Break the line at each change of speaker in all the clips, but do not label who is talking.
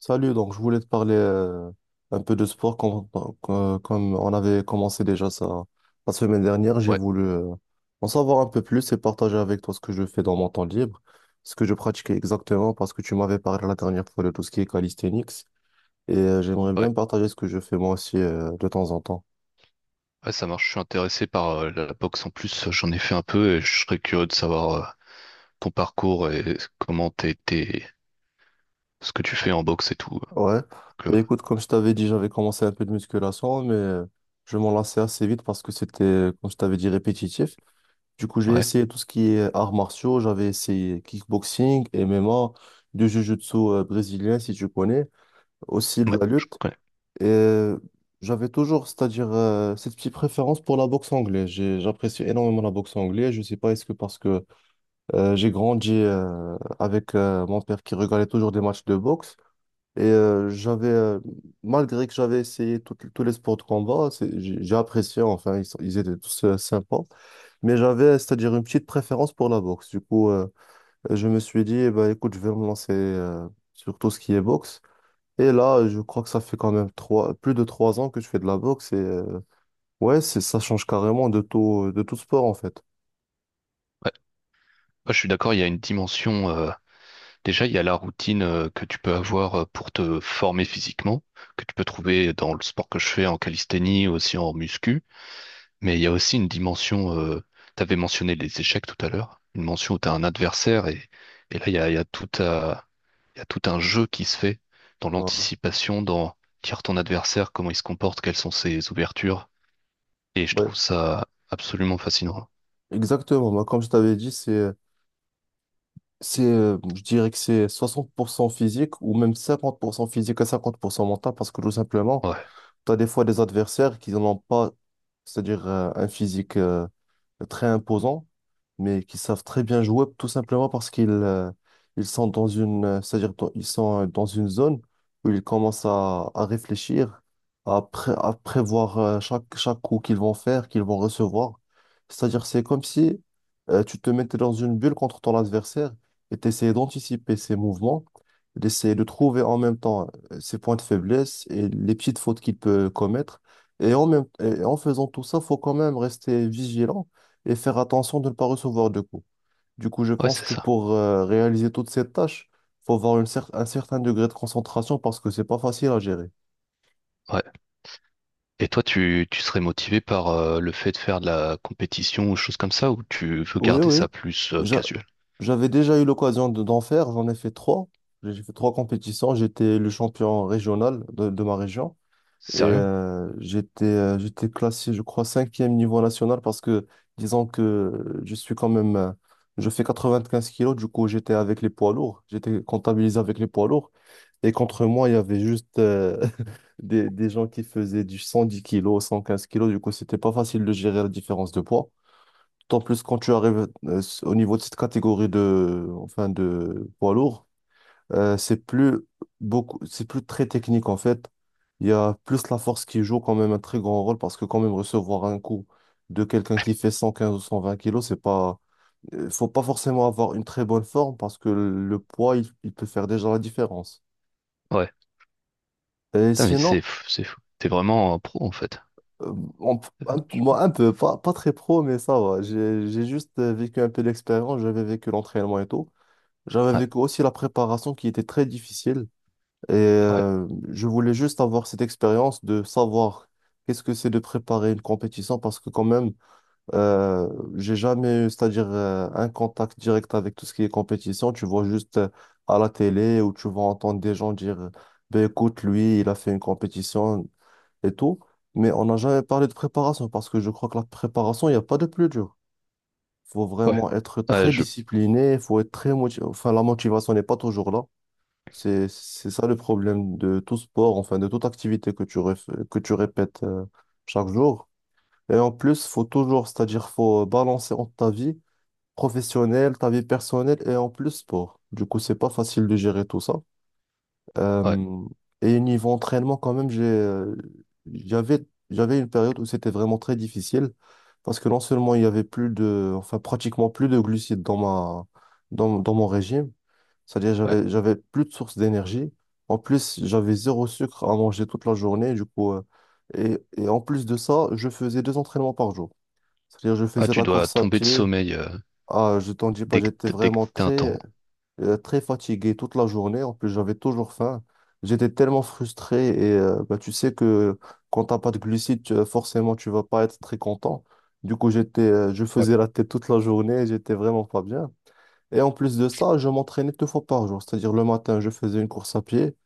Salut, donc je voulais te parler un peu de sport comme, comme on avait commencé déjà ça la semaine dernière. J'ai
Ouais,
voulu en savoir un peu plus et partager avec toi ce que je fais dans mon temps libre, ce que je pratique exactement parce que tu m'avais parlé la dernière fois de tout ce qui est calisthenics et j'aimerais
ouais,
bien partager ce que je fais moi aussi de temps en temps.
ouais, ça marche. Je suis intéressé par la boxe en plus. J'en ai fait un peu et je serais curieux de savoir ton parcours et ce que tu fais en boxe et tout.
Ouais,
Donc, euh,
et écoute, comme je t'avais dit, j'avais commencé un peu de musculation, mais je m'en lassais assez vite parce que c'était, comme je t'avais dit, répétitif. Du coup, j'ai
ouais,
essayé tout ce qui est arts martiaux. J'avais essayé kickboxing, MMA, du jiu-jitsu brésilien, si tu connais, aussi de
ouais,
la
je
lutte.
connais.
Et j'avais toujours, c'est-à-dire, cette petite préférence pour la boxe anglaise. J'apprécie énormément la boxe anglaise. Je sais pas, est-ce que parce que j'ai grandi avec mon père qui regardait toujours des matchs de boxe. Et j'avais, malgré que j'avais essayé tous les sports de combat, j'ai apprécié, enfin, ils étaient tous sympas. Mais j'avais, c'est-à-dire une petite préférence pour la boxe. Du coup, je me suis dit, eh ben, écoute, je vais me lancer sur tout ce qui est boxe. Et là, je crois que ça fait quand même trois, plus de 3 ans que je fais de la boxe. Et ouais, c'est, ça change carrément de tout sport, en fait.
Ouais. Ouais, je suis d'accord. Il y a une dimension, déjà, il y a la routine que tu peux avoir pour te former physiquement, que tu peux trouver dans le sport que je fais en calisthénie, aussi en muscu. Mais il y a aussi une dimension. T'avais mentionné les échecs tout à l'heure. Une mention où t'as un adversaire et là, il y a tout un jeu qui se fait dans
Voilà.
l'anticipation, dans lire ton adversaire, comment il se comporte, quelles sont ses ouvertures. Et je
Ouais,
trouve ça absolument fascinant.
exactement. Moi, comme je t'avais dit, je dirais que c'est 60% physique ou même 50% physique et 50% mental parce que tout simplement,
Ouais,
tu as des fois des adversaires qui n'ont pas, c'est-à-dire un physique très imposants, mais qui savent très bien jouer tout simplement parce qu'ils ils sont dans une, c'est-à-dire ils sont dans une zone où ils commencent à réfléchir, à prévoir chaque coup qu'ils vont faire, qu'ils vont recevoir. C'est-à-dire c'est comme si tu te mettais dans une bulle contre ton adversaire et tu essayais d'anticiper ses mouvements, d'essayer de trouver en même temps ses points de faiblesse et les petites fautes qu'il peut commettre. Et en faisant tout ça, faut quand même rester vigilant et faire attention de ne pas recevoir de coups. Du coup, je
ouais,
pense
c'est
que
ça.
pour réaliser toutes ces tâches, faut avoir un certain degré de concentration parce que c'est pas facile à gérer.
Ouais. Et toi, tu serais motivé par le fait de faire de la compétition ou choses comme ça, ou tu veux
Oui,
garder
oui.
ça plus
J'a-
casual?
J'avais déjà eu l'occasion d'en faire, j'en ai fait trois. J'ai fait trois compétitions. J'étais le champion régional de ma région et
Sérieux?
j'étais classé, je crois, cinquième niveau national parce que, disons que je suis quand même, je fais 95 kilos, du coup j'étais avec les poids lourds, j'étais comptabilisé avec les poids lourds. Et contre moi, il y avait juste des gens qui faisaient du 110 kilos, 115 kilos. Du coup, c'était pas facile de gérer la différence de poids. Tant plus quand tu arrives au niveau de cette catégorie enfin, de poids lourd, euh, c'est plus c'est plus très technique en fait. Il y a plus la force qui joue quand même un très grand rôle parce que quand même recevoir un coup de quelqu'un qui fait 115 ou 120 kilos, c'est pas, faut pas forcément avoir une très bonne forme parce que le poids, il peut faire déjà la différence.
Ouais.
Et
Putain, mais
sinon,
c'est fou, c'est fou. T'es vraiment un pro en fait.
Euh, on-
Je pense.
moi, un peu, pas très pro, mais ça va. J'ai juste vécu un peu l'expérience, j'avais vécu l'entraînement et tout. J'avais
Ouais,
vécu aussi la préparation qui était très difficile. Et
ouais,
je voulais juste avoir cette expérience de savoir qu'est-ce que c'est de préparer une compétition parce que quand même, euh, j'ai jamais eu, c'est-à-dire un contact direct avec tout ce qui est compétition. Tu vois juste à la télé ou tu vas entendre des gens dire, ben écoute, lui, il a fait une compétition et tout, mais on n'a jamais parlé de préparation parce que je crois que la préparation, il n'y a pas de plus dur. Faut
ouais.
vraiment être
Ouais,
très
je.
discipliné, faut être très motivé. Enfin, la motivation n'est pas toujours là. C'est ça le problème de tout sport, enfin de toute activité que tu répètes chaque jour. Et en plus, c'est-à-dire faut balancer entre ta vie professionnelle, ta vie personnelle et en plus sport. Du coup, c'est pas facile de gérer tout ça.
Ouais,
Euh, et niveau entraînement, quand même, j'avais, j'avais une période où c'était vraiment très difficile parce que non seulement il y avait enfin pratiquement plus de glucides dans ma, dans mon régime, c'est-à-dire
ouais.
j'avais plus de sources d'énergie. En plus, j'avais zéro sucre à manger toute la journée, du coup, et en plus de ça, je faisais deux entraînements par jour. C'est-à-dire je
Ah,
faisais de
tu
la
dois
course à
tomber de
pied.
sommeil
Ah, je t'en dis pas, j'étais
dès que
vraiment
t'as un temps.
très fatigué toute la journée. En plus, j'avais toujours faim. J'étais tellement frustré et bah, tu sais que quand t'as pas de glucides, forcément, tu vas pas être très content. Du coup, je
Ouais.
faisais la tête toute la journée, j'étais vraiment pas bien. Et en plus de ça, je m'entraînais deux fois par jour. C'est-à-dire le matin, je faisais une course à pied.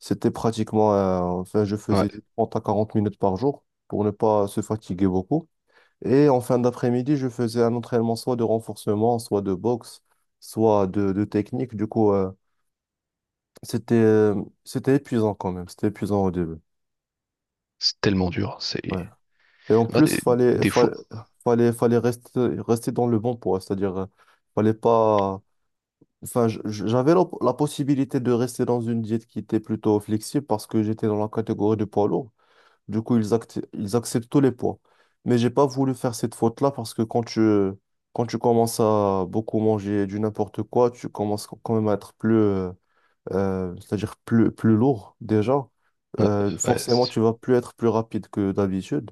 C'était pratiquement, enfin, je
Ouais.
faisais du 30 à 40 minutes par jour pour ne pas se fatiguer beaucoup. Et en fin d'après-midi, je faisais un entraînement soit de renforcement, soit de boxe, soit de technique. Du coup, c'était euh, c'était épuisant quand même. C'était épuisant au début.
C'est tellement dur. C'est
Ouais. Et en
moi,
plus, fallait
des fois.
fallait fallait, fallait rester dans le bon poids, c'est-à-dire fallait pas. Enfin, j'avais la possibilité de rester dans une diète qui était plutôt flexible parce que j'étais dans la catégorie de poids lourd. Du coup, ils acceptent tous les poids. Mais j'ai pas voulu faire cette faute-là parce que quand tu commences à beaucoup manger du n'importe quoi, tu commences quand même à être c'est-à-dire plus lourd déjà.
Ouais,
Euh,
ouais,
forcément,
c'est
tu vas plus être plus rapide que d'habitude.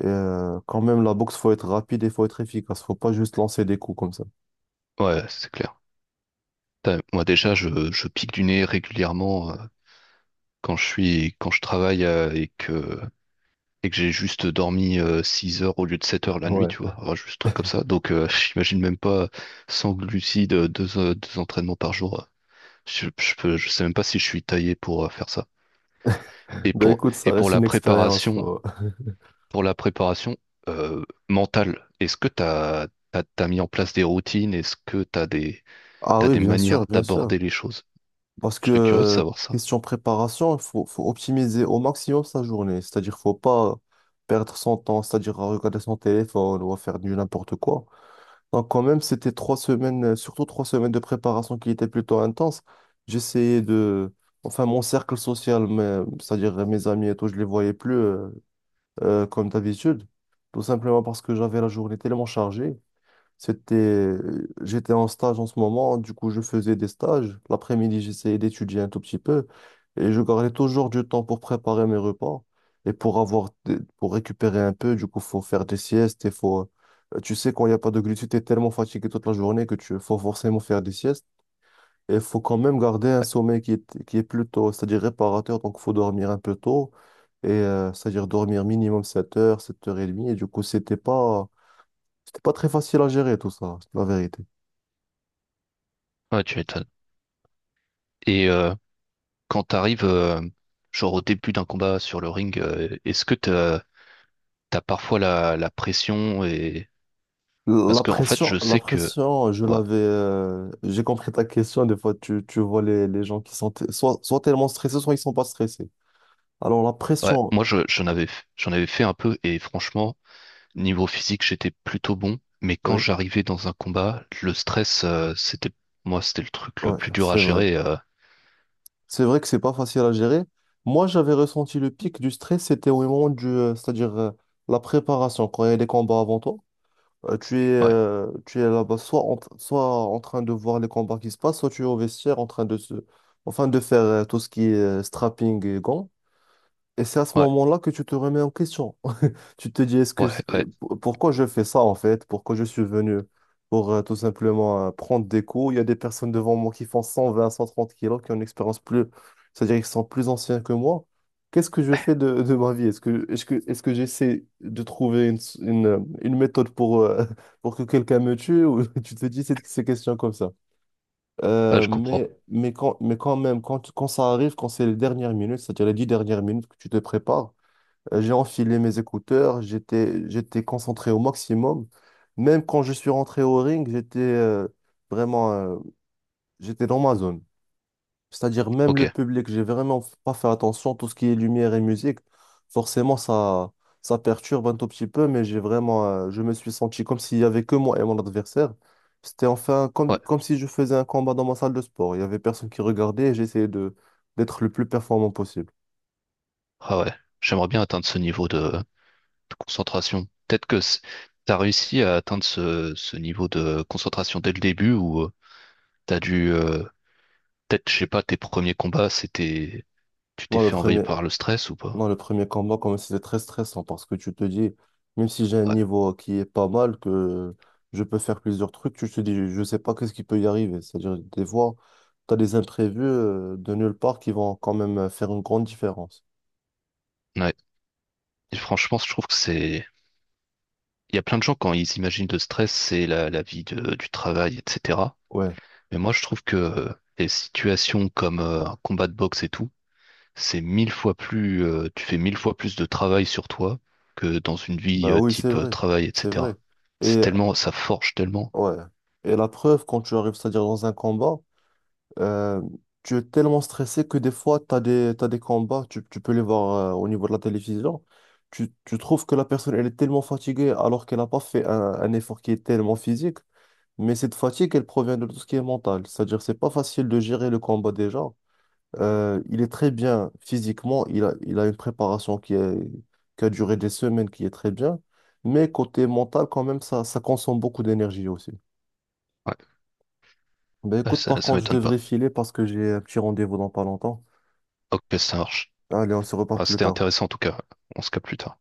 Et, quand même, la boxe, faut être rapide et faut être efficace. Faut pas juste lancer des coups comme ça.
ouais, c'est clair. Putain, moi, déjà, je pique du nez régulièrement quand je suis, quand je travaille et que j'ai juste dormi six heures au lieu de 7 heures la nuit,
Ouais.
tu vois. Enfin, juste un truc comme ça. Donc, j'imagine même pas sans glucides, deux entraînements par jour. Je sais même pas si je suis taillé pour faire ça.
Ben écoute, ça
Et
reste une expérience.
pour la préparation mentale, est-ce que t'as mis en place des routines? Est-ce que
Ah
t'as
oui,
des
bien sûr,
manières
bien sûr.
d'aborder les choses?
Parce que,
Je serais curieux de savoir ça.
question préparation, il faut optimiser au maximum sa journée. C'est-à-dire, faut pas perdre son temps, c'est-à-dire à regarder son téléphone ou à faire du n'importe quoi. Donc, quand même, c'était 3 semaines, surtout 3 semaines de préparation qui étaient plutôt intenses. J'essayais de. Enfin, mon cercle social, c'est-à-dire mes amis et tout, je les voyais plus comme d'habitude. Tout simplement parce que j'avais la journée tellement chargée. C'était, J'étais en stage en ce moment, du coup je faisais des stages. L'après-midi, j'essayais d'étudier un tout petit peu et je gardais toujours du temps pour préparer mes repas et pour avoir, pour récupérer un peu. Du coup, faut faire des siestes et tu sais, quand il n'y a pas de glucides, t'es tellement fatigué toute la journée que tu faut forcément faire des siestes et faut quand même garder un sommeil qui est plutôt, c'est-à-dire réparateur. Donc, faut dormir un peu tôt et c'est-à-dire dormir minimum 7 heures, 7 heures trente et demie. Et du coup, c'était pas très facile à gérer tout ça, c'est la vérité.
Ouais, tu m'étonnes. Et quand t'arrives, genre au début d'un combat sur le ring, est-ce que t'as parfois la, la pression et parce que en fait, je
La
sais que
pression, je
ouais,
l'avais. J'ai compris ta question. Des fois, tu vois les gens qui sont soit tellement stressés, soit ils sont pas stressés. Alors, la
ouais,
pression,
moi je, j'en avais fait un peu et franchement. Niveau physique, j'étais plutôt bon, mais quand
oui,
j'arrivais dans un combat, le stress, c'était, moi, c'était le truc
ouais,
le
ouais,
plus dur à
c'est vrai.
gérer.
C'est vrai que c'est pas facile à gérer. Moi, j'avais ressenti le pic du stress, c'était au moment du. C'est-à-dire la préparation, quand il y a des combats avant toi. Euh, tu es,
Ouais,
euh, tu es là-bas soit en, soit en train de voir les combats qui se passent, soit tu es au vestiaire en train enfin de faire tout ce qui est strapping et gants. Et c'est à ce
ouais,
moment-là que tu te remets en question. Tu te dis, est-ce que
ouais, ouais,
pourquoi je fais ça en fait? Pourquoi je suis venu? Pour tout simplement prendre des cours. Il y a des personnes devant moi qui font 120 130 kilos, qui ont une expérience plus, c'est-à-dire qu'ils sont plus anciens que moi. Qu'est-ce que je fais de ma vie? Est-ce que j'essaie de trouver une méthode pour, pour que quelqu'un me tue? Ou tu te dis ces questions comme ça.
Ah,
Euh,
je comprends.
mais, mais, quand, mais quand même, quand ça arrive, quand c'est les dernières minutes, c'est-à-dire les 10 dernières minutes que tu te prépares, j'ai enfilé mes écouteurs, j'étais concentré au maximum. Même quand je suis rentré au ring, vraiment, euh, j'étais dans ma zone. C'est-à-dire même
Ok,
le public, j'ai vraiment pas fait attention, tout ce qui est lumière et musique, forcément ça perturbe un tout petit peu, mais je me suis senti comme s'il y avait que moi et mon adversaire. C'était enfin
ouais,
comme si je faisais un combat dans ma salle de sport. Il y avait personne qui regardait et j'essayais de d'être le plus performant possible.
ah ouais. J'aimerais bien atteindre ce niveau de concentration. T'as réussi à atteindre ce, ce niveau de concentration dès le début ou t'as dû, peut-être, je sais pas, tes premiers combats, c'était, tu t'es
Non, le
fait envahir
premier,
par le stress ou pas?
Non, le premier combat, comme si c'était très stressant parce que tu te dis, même si j'ai un
Ouais,
niveau qui est pas mal, que je peux faire plusieurs trucs, tu te dis, je sais pas qu'est-ce qui peut y arriver. C'est-à-dire, des fois, tu as des imprévus de nulle part qui vont quand même faire une grande différence.
ouais. Et franchement, je trouve que c'est il y a plein de gens quand ils imaginent le stress, c'est la, la vie du travail, etc.
Ouais,
Mais moi, je trouve que les situations comme un combat de boxe et tout, c'est mille fois plus, tu fais mille fois plus de travail sur toi que dans une vie
bah oui, c'est
type
vrai,
travail,
c'est vrai.
etc. C'est
Et
tellement, ça forge tellement.
ouais, et la preuve, quand tu arrives, c'est-à-dire dans un combat, Euh, tu es tellement stressé que des fois, t'as des combats, tu peux les voir au niveau de la télévision. Tu trouves que la personne, elle est tellement fatiguée alors qu'elle n'a pas fait un effort qui est tellement physique. Mais cette fatigue, elle provient de tout ce qui est mental. C'est-à-dire, c'est pas facile de gérer le combat déjà. Il est très bien physiquement, il a une préparation qui est, qui a duré des semaines, qui est très bien. Mais côté mental, quand même, ça consomme beaucoup d'énergie aussi.
Ouais,
Ben
ouais,
écoute,
ça,
par
ça
contre, je
m'étonne pas.
devrais filer parce que j'ai un petit rendez-vous dans pas longtemps.
Ok, ça marche.
Allez, on se reparle
Ah,
plus
c'était
tard.
intéressant en tout cas. On se capte plus tard.